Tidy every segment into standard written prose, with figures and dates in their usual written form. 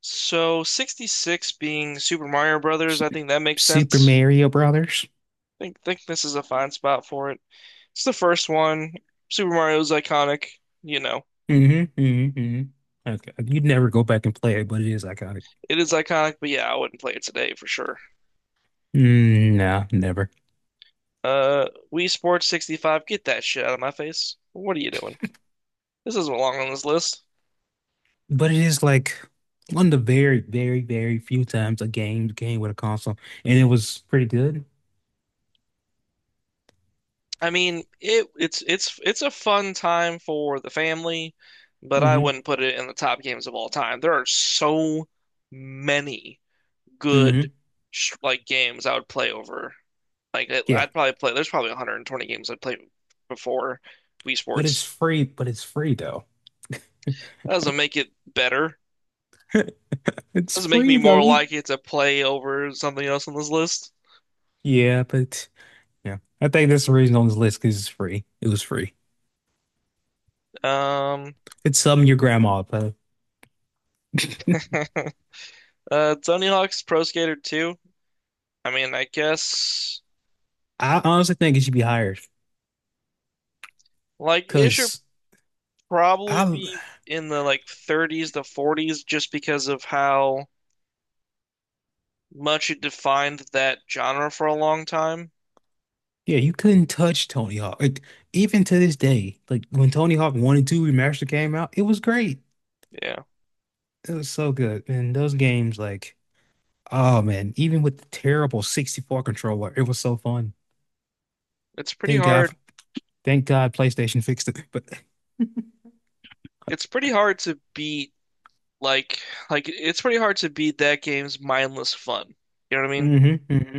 So 66 being Super Mario Brothers, Su- I think that makes Super sense. Mario Brothers. I think this is a fine spot for it. It's the first one. Super Mario is iconic, you know. Mm-hmm. Okay. You'd never go back and play it, but it is iconic. It is iconic, but yeah, I wouldn't play it today for sure. Mm, no, never. Uh, Wii Sports 65, get that shit out of my face. What are you doing? This doesn't belong on this list. But it is like one of the very, very, very few times a game came with a console, and it was pretty good. I mean, it it's a fun time for the family, but I Mm-hmm. wouldn't put it in the top games of all time. There are so many Mm-hmm. good like games I would play over. Like I- Yeah, I'd probably play. There's probably 120 games I'd play before Wii but it's Sports. free. But it's free though. That doesn't make it better. It's Doesn't make me free though. more likely to play over something else on this list. Yeah, but yeah, I think that's the reason on this list because it's free. It was free. Um, It's something your grandma. But Tony Hawk's Pro Skater 2. I mean, I guess I honestly think it should be higher like it should because I probably be in the like 30s to 40s just because of how much it defined that genre for a long time. Yeah, you couldn't touch Tony Hawk. Like, even to this day, like when Tony Hawk 1 and 2 Remastered came out, it was great. Yeah, It was so good. And those games, like, oh man, even with the terrible 64 controller, it was so fun. it's pretty Thank God, hard. thank God PlayStation fixed it. But It's pretty hard to beat like like it's pretty hard to beat that game's mindless fun. You know what I mean? hmm hmm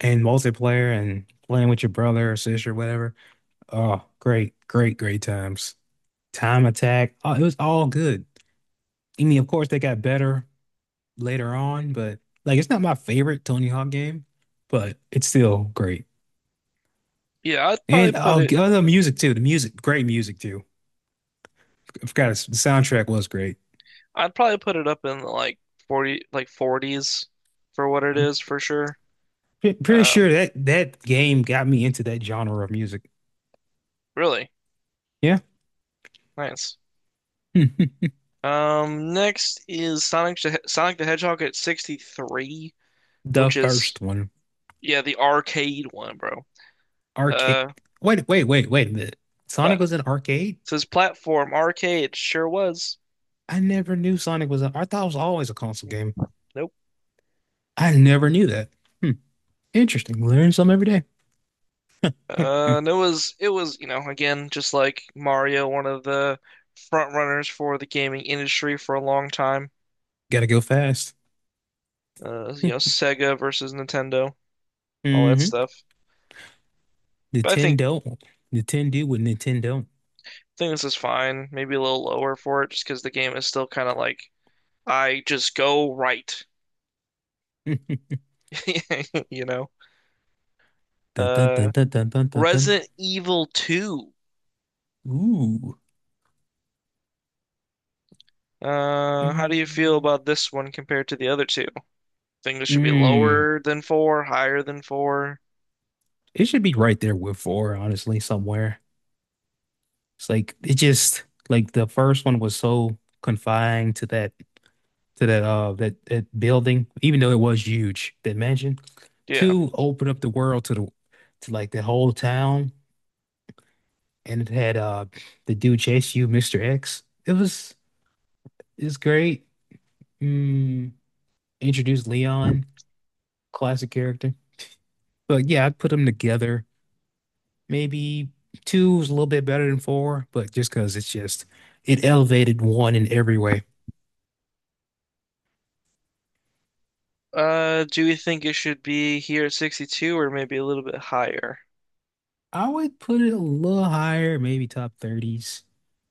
and multiplayer and playing with your brother or sister, whatever. Oh, great, great, great times. Time Attack. Oh, it was all good. I mean, of course, they got better later on, but like it's not my favorite Tony Hawk game, but it's still great. Yeah, I'd probably And put oh, it oh, music too. The music, great music too. I forgot the soundtrack was great. I'd probably put it up in the like 40 like 40s for what it I'm is for sure. Pretty Um sure that game got me into that genre of music. Really Yeah. nice. Hmm. Next is Sonic the Hedgehog at 63, The which is first one, yeah, the arcade one, bro. arcade. Uh Wait, wait, wait, wait a minute. pla Sonic was an arcade? Says platform arcade, sure was. I never knew Sonic was an. I thought it was always a console game. Nope. I never knew that. Hmm. Interesting. Learn something every day. And it was again just like Mario, one of the front runners for the gaming industry for a long time. Gotta go fast. You know Sega versus Nintendo, all that hmm stuff. But I think Nintendo. Nintendo with Nintendo. think this is fine. Maybe a little lower for it, just because the game is still kind of like I just go right. you know. Mm. Dun, dun, Uh, dun, dun, dun, dun, dun, dun. Resident Evil 2. Ooh. How do you feel Mm. about this one compared to the other two? Think this should be Mm. lower than four, higher than four? It should be right there with four, honestly, somewhere. It's like it just like the first one was so confined to that that building, even though it was huge, that mansion. Yeah. Two opened up the world to the to like the whole town, and it had the dude chase you, Mr. X. It's great. Mm, introduced Leon, classic character. But yeah, I'd put them together. Maybe two is a little bit better than four, but just because it's just it elevated one in every way. Do we think it should be here at 62 or maybe a little bit higher? I would put it a little higher, maybe top 30s,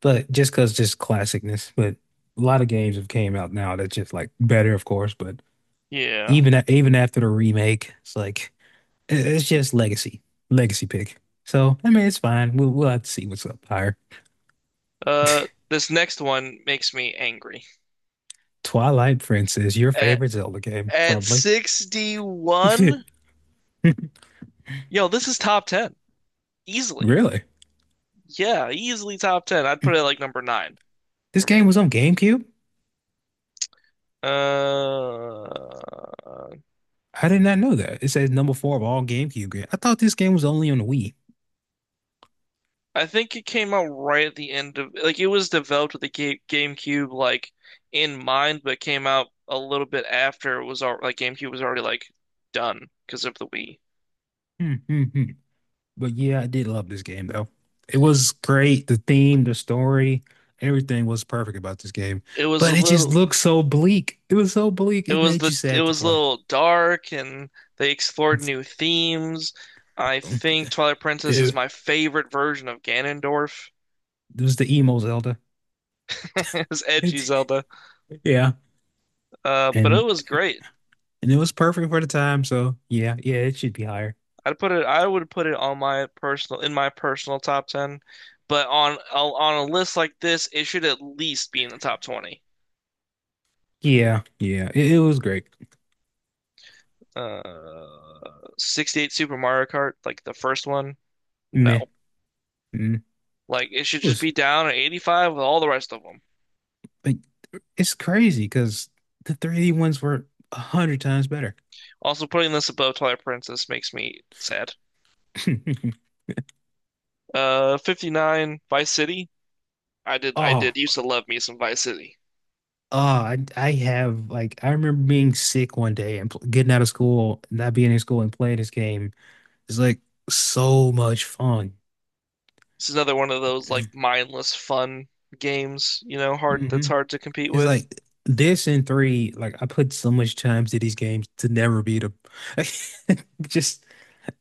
but just because just classicness. But a lot of games have came out now that's just like better, of course. But Yeah. even even after the remake, it's like it's just legacy, legacy pick. So I mean, it's fine. We'll have to see what's up higher. This next one makes me angry. Twilight Princess, your At favorite Zelda game, at probably. 61? Yo, this is top 10. Easily. Really? Yeah, easily top 10. I'd put it like number 9 This for game me. was on GameCube? Uh, I did not know that. It says number four of all GameCube games. I thought this game was only on the Wii. I think it came out right at the end of like it was developed with the GameCube like in mind, but came out a little bit after it was al like GameCube was already like done because of the Wii. Hmm, hmm, hmm. But yeah, I did love this game though. It was great. The theme, the story, everything was perfect about this game. It was a But it just little looked so bleak. It was so bleak. it It was made you the it sad to was a play. little dark and they explored new themes. I think Twilight Princess is Ew. my favorite version of Ganondorf. It was the emo Zelda. It's edgy Zelda. Yeah. But it And was great. and it was perfect for the time, so yeah, yeah, it should be higher. I would put it on my personal in my personal top 10, but on a list like this, it should at least be in the top 20. Yeah, yeah. It was great. Uh, 68 Super Mario Kart, like the first one, Meh. no. Mm. It Like it should just was be down at 85 with all the rest of them. like it's crazy because the 3D ones were a hundred times better. Also, putting this above Twilight Princess makes me sad. 59 Vice City. I did I Oh, did used to love me some Vice City. oh, I have like I remember being sick one day and getting out of school, not being in school and playing this game. It's like so much fun. This is another one of those like mindless fun games, you know, hard that's hmm hard to compete It's with. like this and three, like I put so much time to these games to never beat them. Just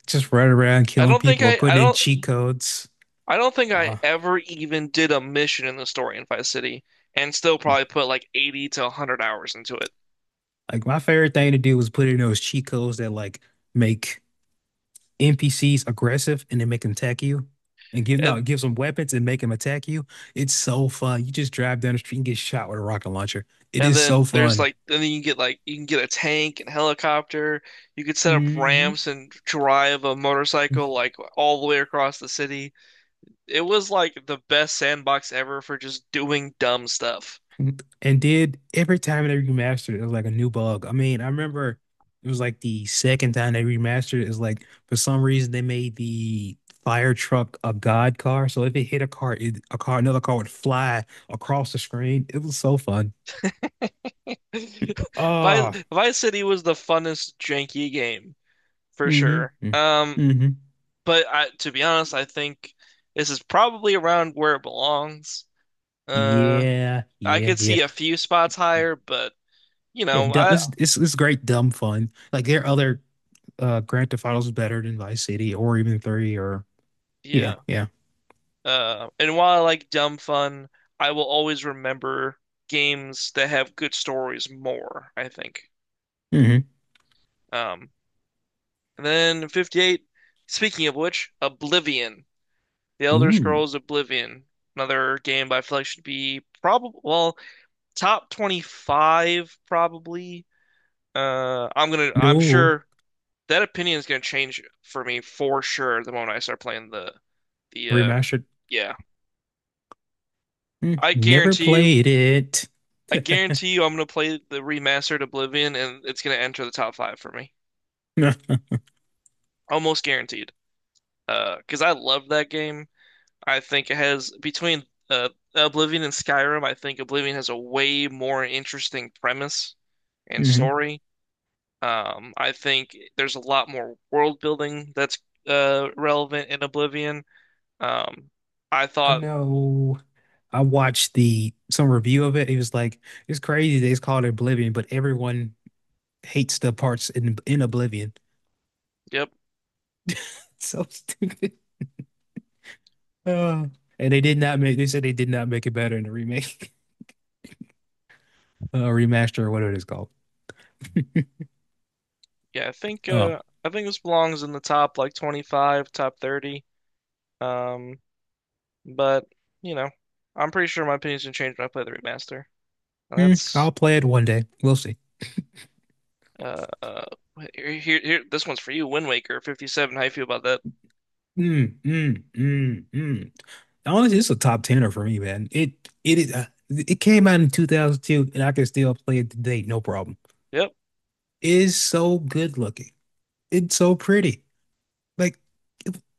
just running around I killing don't think people or putting in cheat codes. I don't think I Uh, ever even did a mission in the story in Vice City and still probably put like 80 to 100 hours into it. like my favorite thing to do was put in those cheat codes that like make NPCs aggressive and then make them attack you. And give no, And it gives them weapons and make them attack you. It's so fun. You just drive down the street and get shot with a rocket launcher. It and is so then there's fun. like and then you get like you can get a tank and helicopter. You could set up hmm ramps and drive a motorcycle like all the way across the city. It was like the best sandbox ever for just doing dumb stuff. And did every time they remastered it, it was like a new bug. I mean, I remember it was like the second time they remastered it, is like for some reason they made the fire truck a god car. So if it hit a car, a car, another car would fly across the screen. It was so fun. Vice Ah, Vice City was the funnest janky game for sure. mm-hmm. Mm-hmm. But I, to be honest, I think this is probably around where it belongs. Uh, Yeah, I yeah, could yeah. see a few spots higher, but you Yeah, know, dumb, I it's, it's it's great dumb fun. Like there are other Grand Theft Autos better than Vice City or even 3 or yeah, yeah. yeah. And while I like dumb fun, I will always remember games that have good stories more, I think. Mm-hmm. Um, and then 58, speaking of which, Oblivion. The Elder Ooh. Scrolls Oblivion. Another game I feel like should be probably, well, top 25 probably. I'm gonna. I'm No. sure that opinion is gonna change for me for sure the moment I start playing the. Remastered. Yeah, Mm, I never guarantee you. played it. I guarantee you, I'm gonna play the remastered Oblivion, and it's gonna enter the top five for me. No. Almost guaranteed. Because I love that game. I think it has between uh Oblivion and Skyrim. I think Oblivion has a way more interesting premise and Mhm. story. I think there's a lot more world building that's relevant in Oblivion. Um, I I thought, know. I watched the some review of it. It was like it's crazy they called it Oblivion, but everyone hates the parts in Oblivion. yep, It's so stupid. Uh, and they did not make. They said they did not make it better in the remake, remaster, or whatever it is called. yeah, I think Oh. uh I think this belongs in the top like 25, top 30. Um, but you know, I'm pretty sure my opinion's gonna change when I play the remaster. And Hmm, that's I'll play it one day. We'll see. uh, uh here, here here this one's for you, Wind Waker 57. How you feel about that? Mm, mm, mm, mm. Honestly, it's a top tenner for me, man. It is it came out in 2002, and I can still play it today, no problem. Yep. It is so good looking. It's so pretty. Like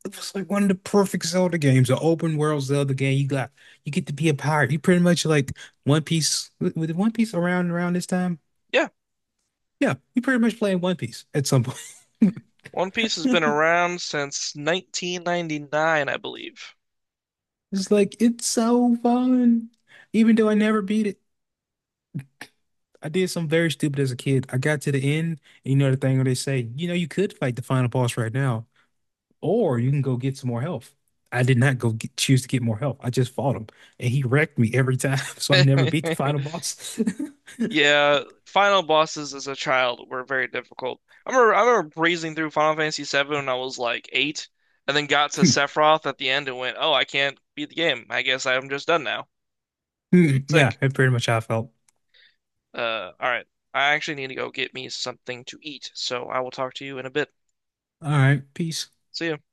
it was like one of the perfect Zelda games, an open world Zelda game. You get to be a pirate. You pretty much like One Piece with One Piece around this time. Yeah. Yeah, you pretty much playing One Piece at some point. One Piece has been around since 1999, I believe. It's like it's so fun, even though I never beat it. I did something very stupid as a kid. I got to the end, and you know the thing where they say, you know, you could fight the final boss right now, or you can go get some more health. I did not go get, choose to get more health. I just fought him, and he wrecked me every time, so I never beat the final boss. Yeah, final bosses as a child were very difficult. I remember breezing through Final Fantasy VII when I was like eight, and then got to Sephiroth at the end and went, "Oh, I can't beat the game. I guess I'm just done now." It's Yeah, like, that's pretty much how I felt. All right, I actually need to go get me something to eat, so I will talk to you in a bit. All right, peace. See ya.